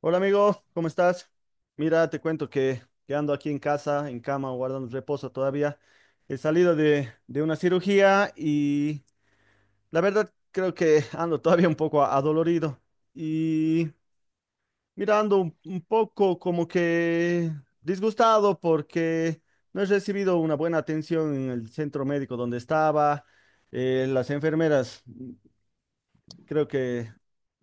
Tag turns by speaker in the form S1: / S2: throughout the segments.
S1: Hola amigo, ¿cómo estás? Mira, te cuento que ando aquí en casa, en cama, guardando reposo todavía. He salido de una cirugía y la verdad creo que ando todavía un poco adolorido. Y mira, ando un poco como que disgustado porque no he recibido una buena atención en el centro médico donde estaba. Las enfermeras creo que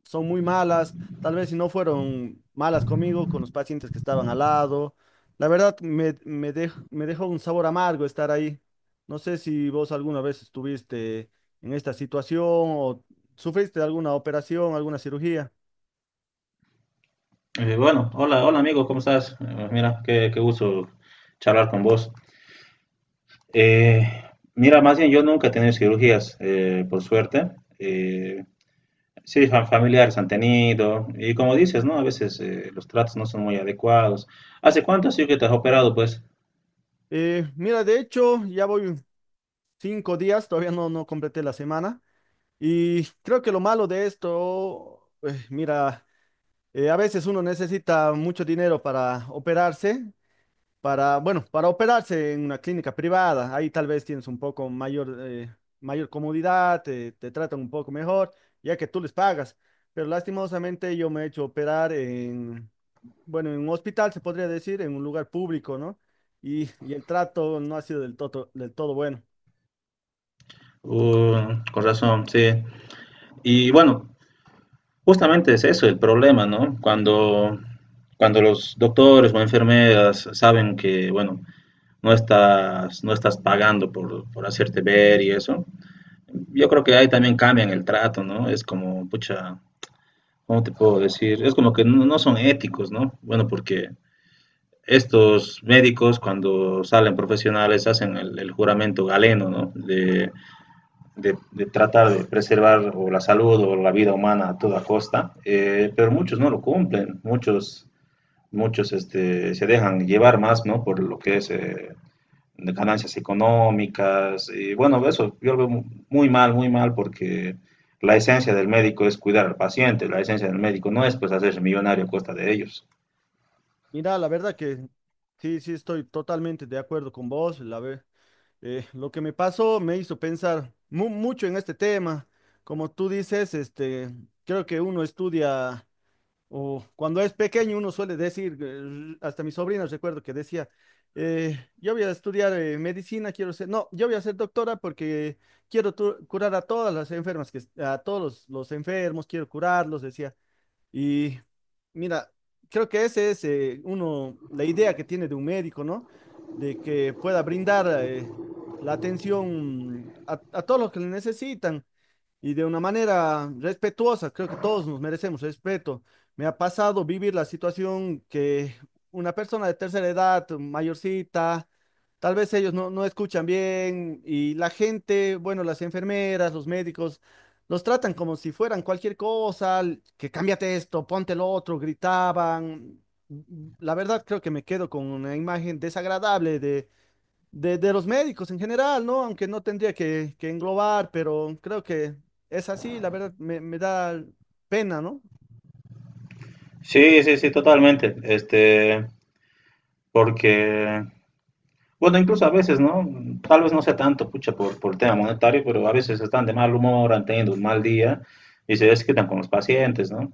S1: son muy malas, tal vez si no fueron malas conmigo, con los pacientes que estaban al lado. La verdad, me dejó un sabor amargo estar ahí. No sé si vos alguna vez estuviste en esta situación o sufriste alguna operación, alguna cirugía.
S2: Bueno, hola, hola amigo, ¿cómo estás? Mira, qué gusto charlar con vos. Eh, Mira, más bien yo nunca he tenido cirugías, por suerte. Eh, sí, familiares han tenido, y como dices, ¿no? A veces los tratos no son muy adecuados. ¿Hace cuánto sí que te has operado, pues?
S1: Mira, de hecho, ya voy 5 días, todavía no completé la semana. Y creo que lo malo de esto, mira, a veces uno necesita mucho dinero para operarse para, bueno, para operarse en una clínica privada. Ahí tal vez tienes un poco mayor, mayor comodidad, te tratan un poco mejor, ya que tú les pagas. Pero lastimosamente yo me he hecho operar en, bueno, en un hospital, se podría decir, en un lugar público, ¿no? Y el trato no ha sido del todo bueno.
S2: Con razón, sí. Y bueno, justamente es eso el problema, ¿no? Cuando los doctores o enfermeras saben que, bueno, no estás pagando por hacerte ver y eso. Yo creo que ahí también cambian el trato, ¿no? Es como, pucha, ¿cómo te puedo decir? Es como que no, no son éticos, ¿no? Bueno, porque estos médicos cuando salen profesionales hacen el juramento galeno, ¿no? De, de tratar de preservar o la salud o la vida humana a toda costa, pero muchos no lo cumplen, muchos, muchos este, se dejan llevar más, ¿no? Por lo que es de ganancias económicas. Y bueno, eso yo lo veo muy mal, porque la esencia del médico es cuidar al paciente, la esencia del médico no es pues hacerse millonario a costa de ellos.
S1: Mira, la verdad que sí, sí, estoy totalmente de acuerdo con vos, la ve. Lo que me pasó me hizo pensar mucho en este tema. Como tú dices, este, creo que uno estudia, o cuando es pequeño uno suele decir, hasta mi sobrina recuerdo que decía, yo voy a estudiar medicina, quiero ser, no, yo voy a ser doctora porque quiero curar a todas las enfermas, que, a todos los enfermos, quiero curarlos, decía. Y mira, creo que ese es uno, la idea que tiene de un médico, ¿no? De que pueda brindar la atención a todos los que le necesitan y de una manera respetuosa. Creo que todos nos merecemos respeto. Me ha pasado vivir la situación que una persona de tercera edad, mayorcita, tal vez ellos no escuchan bien y la gente, bueno, las enfermeras, los médicos, los tratan como si fueran cualquier cosa, que cámbiate esto, ponte lo otro, gritaban. La verdad creo que me quedo con una imagen desagradable de los médicos en general, ¿no? Aunque no tendría que englobar, pero creo que es así, la verdad, me da pena, ¿no?
S2: Sí, sí, sí, totalmente. Este, porque. Bueno, incluso a veces, ¿no? Tal vez no sea tanto, pucha, por tema monetario, pero a veces están de mal humor, han tenido un mal día y se desquitan con los pacientes, ¿no?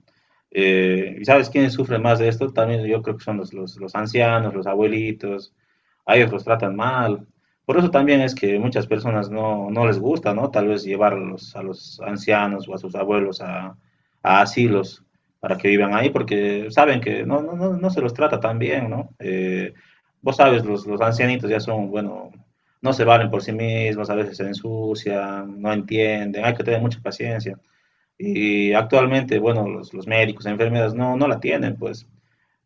S2: ¿Y sabes quiénes sufren más de esto? También yo creo que son los ancianos, los abuelitos, a ellos los tratan mal. Por eso también es que muchas personas no, no les gusta, ¿no? Tal vez llevar a a los ancianos o a sus abuelos a asilos para que vivan ahí, porque saben que no, no se los trata tan bien, ¿no? Vos sabes, los ancianitos ya son, bueno, no se valen por sí mismos, a veces se ensucian, no entienden, hay que tener mucha paciencia. Y actualmente, bueno, los médicos, enfermeras no, no la tienen, pues.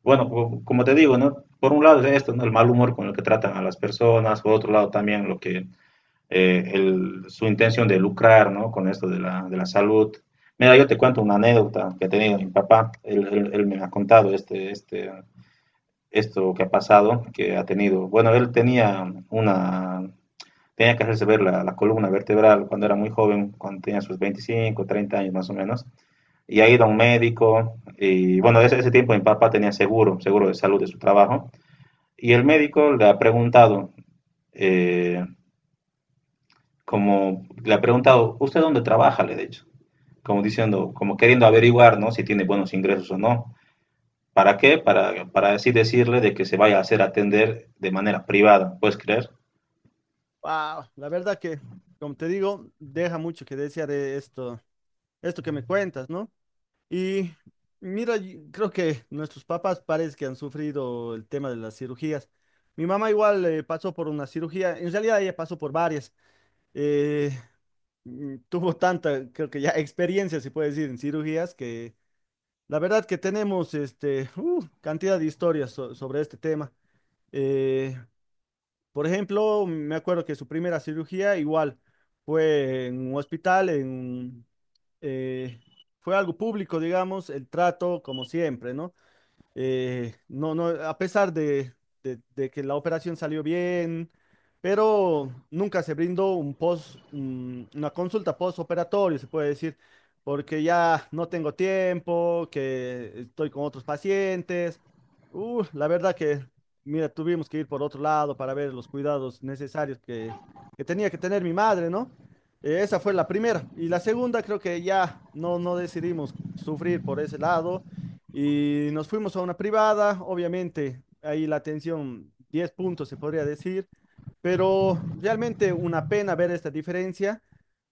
S2: Bueno, como te digo, ¿no? Por un lado es esto, ¿no? El mal humor con el que tratan a las personas, por otro lado también lo que, su intención de lucrar, ¿no? Con esto de de la salud. Mira, yo te cuento una anécdota que he tenido mi papá, él me ha contado este, este, esto que ha pasado, que ha tenido. Bueno, él tenía una, tenía que hacerse ver la columna vertebral cuando era muy joven, cuando tenía sus 25, 30 años más o menos, y ha ido a un médico, y bueno, ese tiempo mi papá tenía seguro, seguro de salud de su trabajo, y el médico le ha preguntado, eh, como le ha preguntado, ¿usted dónde trabaja? Le he dicho, como diciendo, como queriendo averiguar, ¿no? Si tiene buenos ingresos o no. ¿Para qué? Para así decirle de que se vaya a hacer atender de manera privada, ¿puedes creer?
S1: Wow, la verdad que, como te digo, deja mucho que desear de esto, esto que me cuentas, ¿no? Y mira, y creo que nuestros papás parece que han sufrido el tema de las cirugías. Mi mamá igual pasó por una cirugía, en realidad ella pasó por varias. eh, Tuvo tanta, creo que ya experiencia, se puede decir, en cirugías que la verdad que tenemos este, cantidad de historias sobre este tema. Eh, por ejemplo, me acuerdo que su primera cirugía igual fue en un hospital, en un, eh, fue algo público, digamos, el trato como siempre, ¿no? No, a pesar de que la operación salió bien, pero nunca se brindó un post, una consulta postoperatorio, se puede decir, porque ya no tengo tiempo, que estoy con otros pacientes. La verdad que, mira, tuvimos que ir por otro lado para ver los cuidados necesarios que tenía que tener mi madre, ¿no? Esa fue la primera. Y la segunda, creo que ya no decidimos sufrir por ese lado y nos fuimos a una privada, obviamente, ahí la atención 10 puntos se podría decir, pero realmente una pena ver esta diferencia,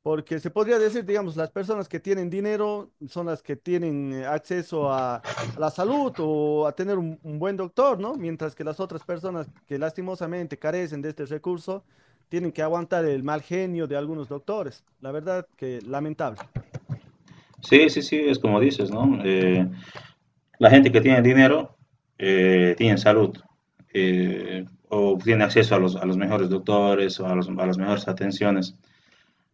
S1: porque se podría decir, digamos, las personas que tienen dinero son las que tienen acceso a la salud o a tener un buen doctor, ¿no? Mientras que las otras personas que lastimosamente carecen de este recurso tienen que aguantar el mal genio de algunos doctores. La verdad que lamentable.
S2: Sí, sí, sí, es como dices, ¿no? La gente que tiene dinero tiene salud eh, o tiene acceso a a los mejores doctores o a, a las mejores atenciones.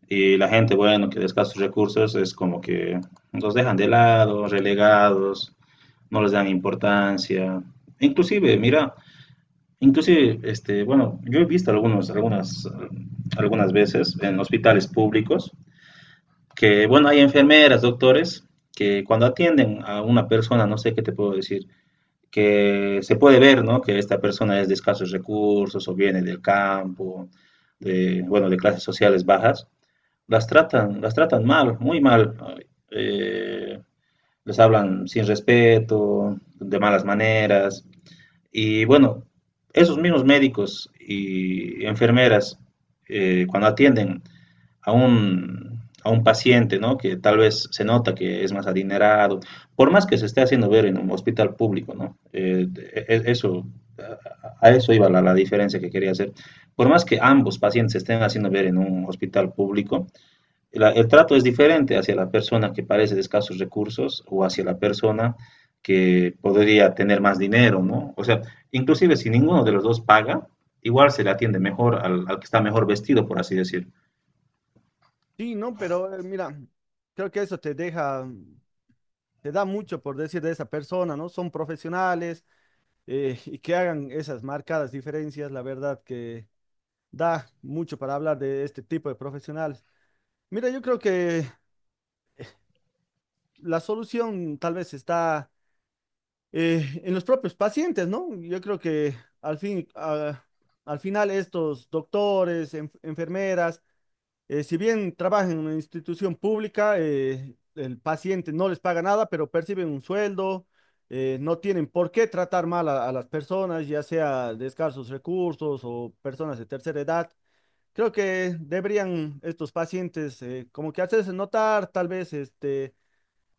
S2: Y la gente, bueno, que de escasos recursos es como que los dejan de lado, relegados, no les dan importancia. Inclusive, mira, inclusive, este, bueno, yo he visto algunos, algunas, algunas veces en hospitales públicos que bueno, hay enfermeras, doctores, que cuando atienden a una persona, no sé qué te puedo decir, que se puede ver, ¿no? Que esta persona es de escasos recursos o viene del campo, de, bueno, de clases sociales bajas, las tratan mal, muy mal. Eh, Les hablan sin respeto, de malas maneras. Y bueno, esos mismos médicos y enfermeras, cuando atienden a a un paciente, ¿no? Que tal vez se nota que es más adinerado, por más que se esté haciendo ver en un hospital público, ¿no? Eso, a eso iba la diferencia que quería hacer. Por más que ambos pacientes se estén haciendo ver en un hospital público, el trato es diferente hacia la persona que parece de escasos recursos o hacia la persona que podría tener más dinero, ¿no? O sea, inclusive si ninguno de los dos paga, igual se le atiende mejor al, al que está mejor vestido, por así decir.
S1: Sí, ¿no? Pero mira, creo que eso te deja, se da mucho por decir de esa persona, ¿no? Son profesionales y que hagan esas marcadas diferencias, la verdad que da mucho para hablar de este tipo de profesionales. Mira, yo creo que la solución tal vez está en los propios pacientes, ¿no? Yo creo que al fin, ah, al final estos doctores, enfermeras, si bien trabajan en una institución pública, el paciente no les paga nada, pero perciben un sueldo, no tienen por qué tratar mal a las personas, ya sea de escasos recursos o personas de tercera edad. Creo que deberían estos pacientes como que hacerse notar, tal vez este,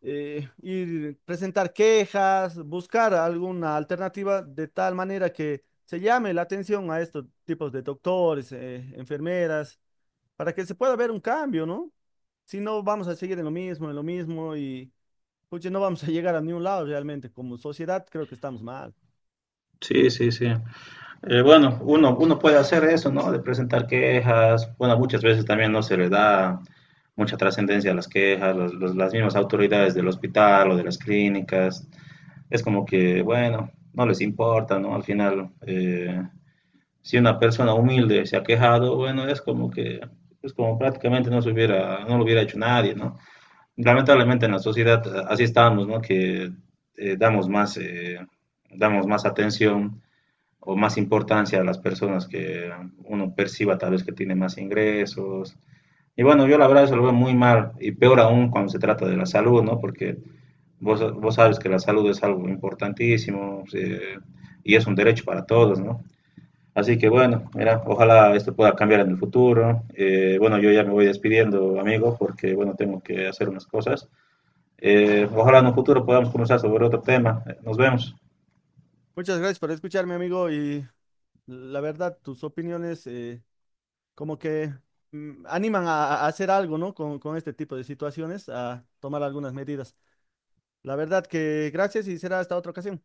S1: ir presentar quejas, buscar alguna alternativa de tal manera que se llame la atención a estos tipos de doctores, enfermeras para que se pueda ver un cambio, ¿no? Si no, vamos a seguir en lo mismo y, pucha, no vamos a llegar a ningún lado realmente. Como sociedad, creo que estamos mal.
S2: Sí, sí, sí. Bueno, uno, uno puede hacer eso, ¿no? De presentar quejas. Bueno, muchas veces también no se le da mucha trascendencia a las quejas, las mismas autoridades del hospital o de las clínicas. Es como que, bueno, no les importa, ¿no? Al final, si una persona humilde se ha quejado, bueno, es como que, es como prácticamente no se hubiera, no lo hubiera hecho nadie, ¿no? Lamentablemente en la sociedad así estamos, ¿no? Que eh, damos más, eh, damos más atención o más importancia a las personas que uno perciba tal vez que tiene más ingresos. Y bueno, yo la verdad eso lo veo muy mal y peor aún cuando se trata de la salud, ¿no? Porque vos sabes que la salud es algo importantísimo y es un derecho para todos, ¿no? Así que bueno, mira, ojalá esto pueda cambiar en el futuro. Bueno, yo ya me voy despidiendo, amigo, porque bueno, tengo que hacer unas cosas. Ojalá en un futuro podamos conversar sobre otro tema. Nos vemos.
S1: Muchas gracias por escucharme, amigo, y la verdad, tus opiniones, como que animan a hacer algo, ¿no? Con este tipo de situaciones, a tomar algunas medidas. La verdad que gracias y será hasta otra ocasión.